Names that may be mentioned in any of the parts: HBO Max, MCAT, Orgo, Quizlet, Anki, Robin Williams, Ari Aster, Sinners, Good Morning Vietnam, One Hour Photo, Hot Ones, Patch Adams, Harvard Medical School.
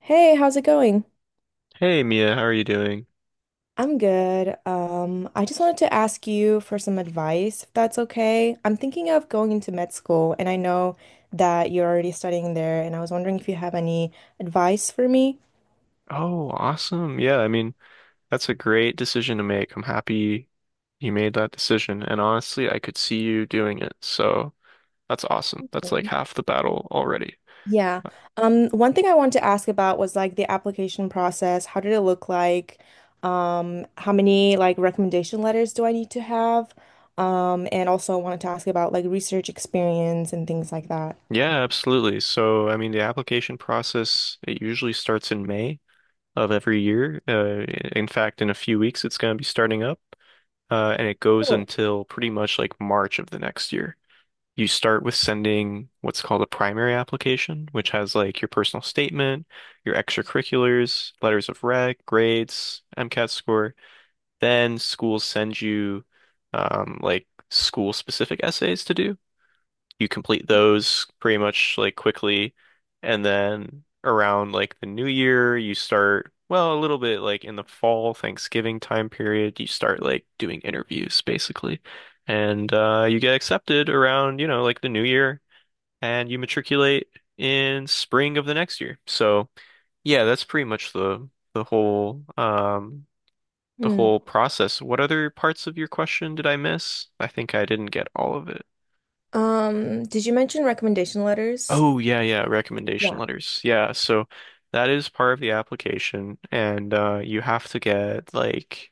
Hey, how's it going? Hey Mia, how are you doing? I'm good. I just wanted to ask you for some advice, if that's okay. I'm thinking of going into med school, and I know that you're already studying there, and I was wondering if you have any advice for me. Oh, awesome. Yeah, I mean, that's a great decision to make. I'm happy you made that decision. And honestly, I could see you doing it. So that's awesome. That's like Mm. half the battle already. Yeah. Uh, One thing I wanted to ask about was like the application process. How did it look like? How many like recommendation letters do I need to have? And also I wanted to ask about like research experience and things like that. Yeah, absolutely. So, I mean, the application process, it usually starts in May of every year. In fact, in a few weeks, it's going to be starting up, and it goes Cool. until pretty much like March of the next year. You start with sending what's called a primary application, which has like your personal statement, your extracurriculars, letters of rec, grades, MCAT score. Then schools send you like school-specific essays to do. You complete those pretty much like quickly. And then around like the new year, you start, well, a little bit like in the fall, Thanksgiving time period, you start like doing interviews basically. And you get accepted around like the new year and you matriculate in spring of the next year. So yeah, that's pretty much the whole um the whole process. What other parts of your question did I miss? I think I didn't get all of it. Did you mention recommendation letters? Oh yeah, yeah, recommendation Yeah. letters. Yeah, so that is part of the application and you have to get like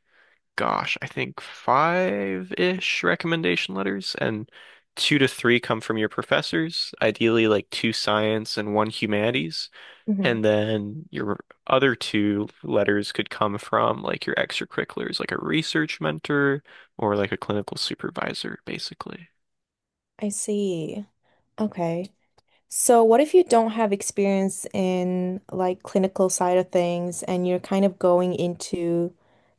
gosh, I think five-ish recommendation letters and two to three come from your professors, ideally like two science and one humanities, Hmm. and then your other two letters could come from like your extracurriculars, like a research mentor or like a clinical supervisor, basically. I see. Okay. So what if you don't have experience in like clinical side of things and you're kind of going into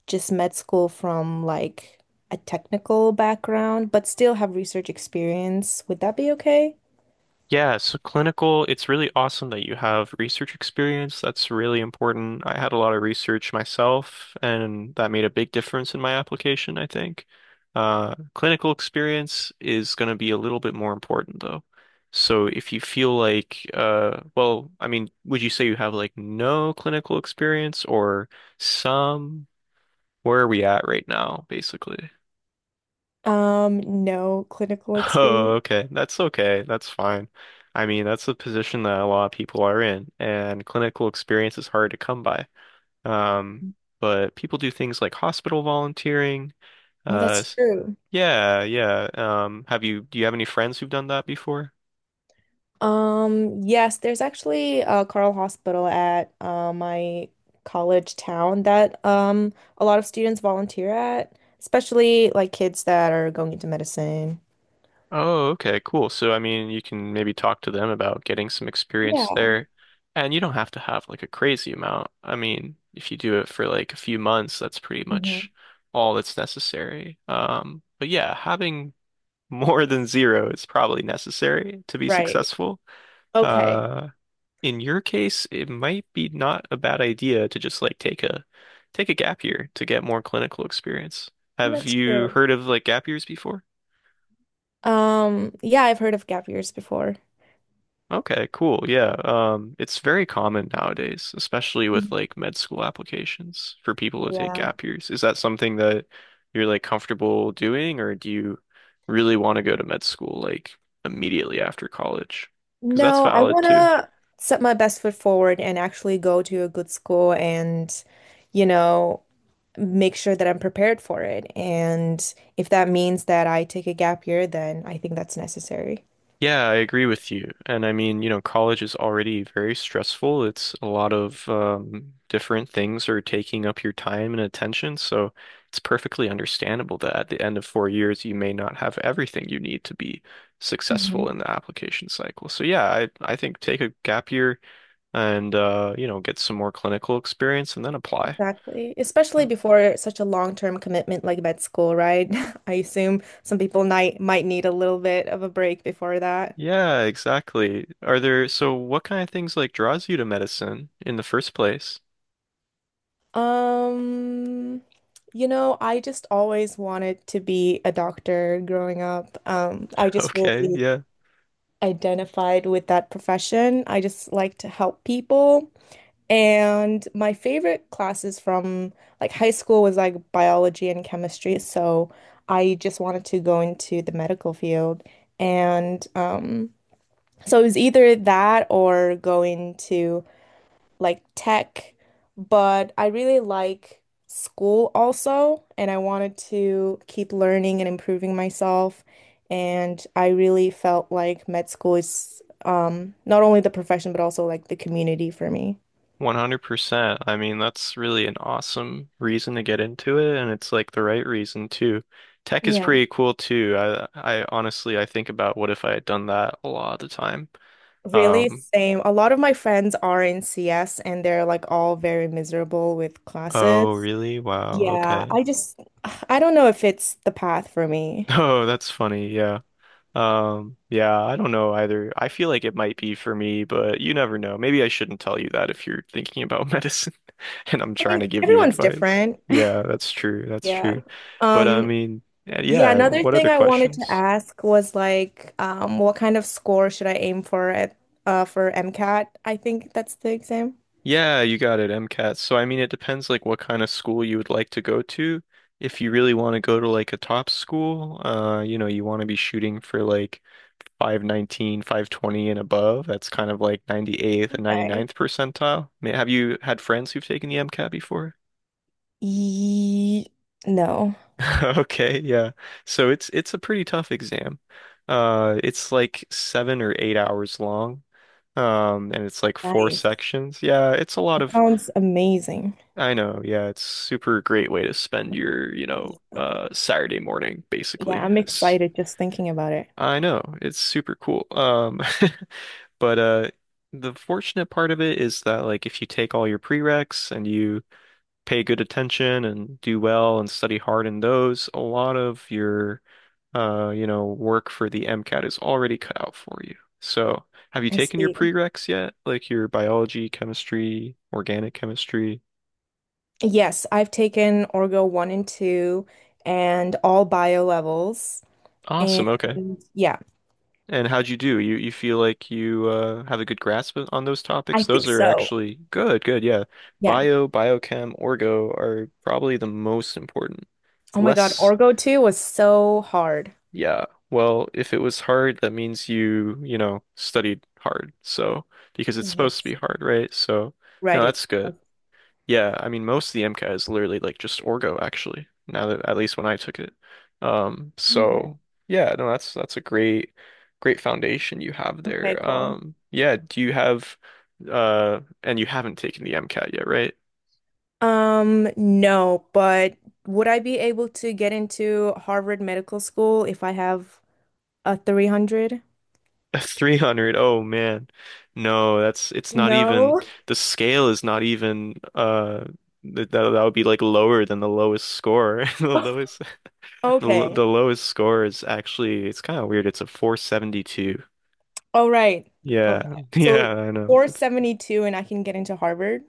just med school from like a technical background, but still have research experience? Would that be okay? Yeah, so clinical, it's really awesome that you have research experience. That's really important. I had a lot of research myself, and that made a big difference in my application, I think. Clinical experience is going to be a little bit more important, though. So if you feel like, well, I mean, would you say you have like no clinical experience or some? Where are we at right now, basically? No clinical experience. Oh, okay. That's okay. That's fine. I mean, that's a position that a lot of people are in, and clinical experience is hard to come by. Um, but people do things like hospital volunteering. Oh, Uh, that's s- true. yeah, yeah. Do you have any friends who've done that before? Yes, there's actually a Carl Hospital at my college town that a lot of students volunteer at, especially like kids that are going into medicine. Oh, okay, cool. So, I mean, you can maybe talk to them about getting some experience Yeah. there. And you don't have to have like a crazy amount. I mean, if you do it for like a few months, that's pretty Hmm. much all that's necessary. But yeah, having more than zero is probably necessary to be Right. successful. Okay. Uh, in your case, it might be not a bad idea to just like take a gap year to get more clinical experience. Well, Have that's you true. heard of like gap years before? Yeah, I've heard of gap years before. Okay, cool. Yeah. It's very common nowadays, especially with Mhm. like med school applications for people to take Yeah. gap years. Is that something that you're like comfortable doing, or do you really want to go to med school like immediately after college? Because that's No, I valid want too. to set my best foot forward and actually go to a good school and, you know, make sure that I'm prepared for it. And if that means that I take a gap year, then I think that's necessary. Yeah, I agree with you. And I mean, you know, college is already very stressful. It's a lot of different things are taking up your time and attention. So it's perfectly understandable that at the end of 4 years, you may not have everything you need to be Mhm. successful in the application cycle. So yeah, I think take a gap year and get some more clinical experience and then apply. Exactly. Especially No. before such a long-term commitment like med school, right? I assume some people might need a little bit of a break before that. Yeah, exactly. So what kind of things like draws you to medicine in the first place? Um, you know, I just always wanted to be a doctor growing up. I just Okay, really yeah. identified with that profession. I just like to help people. And my favorite classes from like high school was like biology and chemistry. So I just wanted to go into the medical field. And so it was either that or going to like tech. But I really like school also. And I wanted to keep learning and improving myself. And I really felt like med school is not only the profession, but also like the community for me. 100%. I mean, that's really an awesome reason to get into it, and it's like the right reason too. Tech is Yeah. pretty cool too. I honestly, I think about what if I had done that a lot of the time. Really, Um, same. A lot of my friends are in CS and they're like all very miserable with oh, classes. really? Wow, Yeah, okay. I just, I don't know if it's the path for me. Oh, that's funny. Yeah. Yeah, I don't know either. I feel like it might be for me, but you never know. Maybe I shouldn't tell you that if you're thinking about medicine. And I'm I trying mean, to give you everyone's advice. different. Yeah, that's true. That's Yeah. true. But I Um, mean, yeah, yeah, yeah, another what thing other I wanted to questions? ask was like, what kind of score should I aim for at for MCAT? I think that's the exam. Yeah, you got it, MCAT. So I mean, it depends like what kind of school you would like to go to. If you really want to go to like a top school, you want to be shooting for like 519, 520, and above. That's kind of like 98th and ninety Okay. ninth percentile. Have you had friends who've taken the MCAT before? Ye no. Okay, yeah. So it's a pretty tough exam. It's like 7 or 8 hours long. And it's like four Nice. sections. Yeah, it's a lot That of, sounds amazing. I know, yeah, it's super great way to spend your Saturday morning, Yeah, basically. I'm excited just thinking about it. I know, it's super cool. But the fortunate part of it is that like if you take all your prereqs and you pay good attention and do well and study hard in those, a lot of your work for the MCAT is already cut out for you. So, have you I taken your see. prereqs yet? Like your biology, chemistry, organic chemistry? Yes, I've taken Orgo 1 and 2 and all bio levels. And Awesome. Okay. yeah, And how'd you do? You feel like you have a good grasp on those I topics? think Those are so. actually good. Good. Yeah. Yeah. Bio, biochem, orgo are probably the most important. Oh my God, Less Orgo 2 was so hard. Yeah. Well, if it was hard, that means you studied hard. So, because it's supposed to be Yes, hard, right? So, no, right. that's It's good. Yeah, I mean, most of the MCAT is literally like just Orgo, actually. Now that At least when I took it. Okay. So yeah, no, that's a great, great foundation you have Okay, there. cool. Yeah, do you have and you haven't taken the MCAT yet, right? No, but would I be able to get into Harvard Medical School if I have a 300? 300. Oh man. No, that's it's not even No. the scale is not even that would be like lower than the lowest score. The lowest the, l- Okay. the lowest score is actually it's kind of weird. It's a 472. All right. Yeah. Okay. Yeah, So I know. 472 and I can get into Harvard.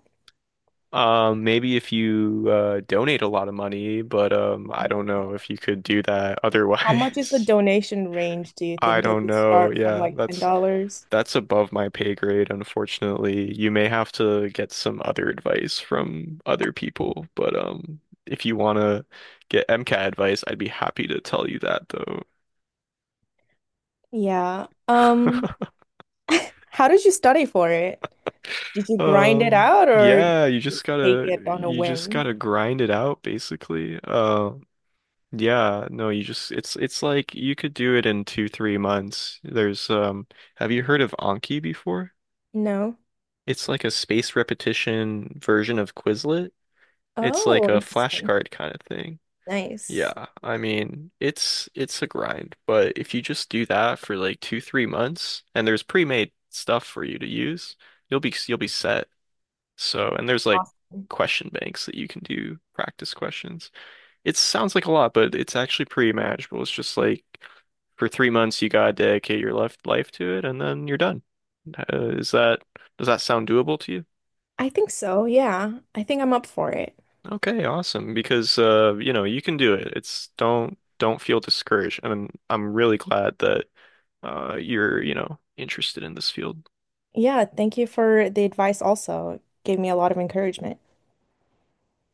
Maybe if you donate a lot of money, but I don't know if you could do that How much is the otherwise. donation range, do you I think? Does don't it know. start from Yeah, like that's $10? That's above my pay grade, unfortunately. You may have to get some other advice from other people, but if you want to get MCAT advice, I'd be happy to tell you that though. Yeah. How did you study for it? Did you grind it out or Yeah, you just just take gotta it on a you just whim? gotta grind it out basically. Yeah, no, you just it's like you could do it in two, 3 months. There's Have you heard of Anki before? No. It's like a space repetition version of Quizlet. It's like Oh, a interesting. flashcard kind of thing. Nice. Yeah, I mean, it's a grind, but if you just do that for like two, 3 months and there's pre-made stuff for you to use, you'll be set. So, and there's like Awesome. question banks that you can do practice questions. It sounds like a lot, but it's actually pretty manageable. It's just like for 3 months you gotta dedicate your life to it and then you're done. Is that does that sound doable to you? I think so. Yeah. I think I'm up for it. Okay, awesome. Because you can do it. It's don't feel discouraged. And I'm really glad that you're interested in this field. Yeah, thank you for the advice also. It gave me a lot of encouragement.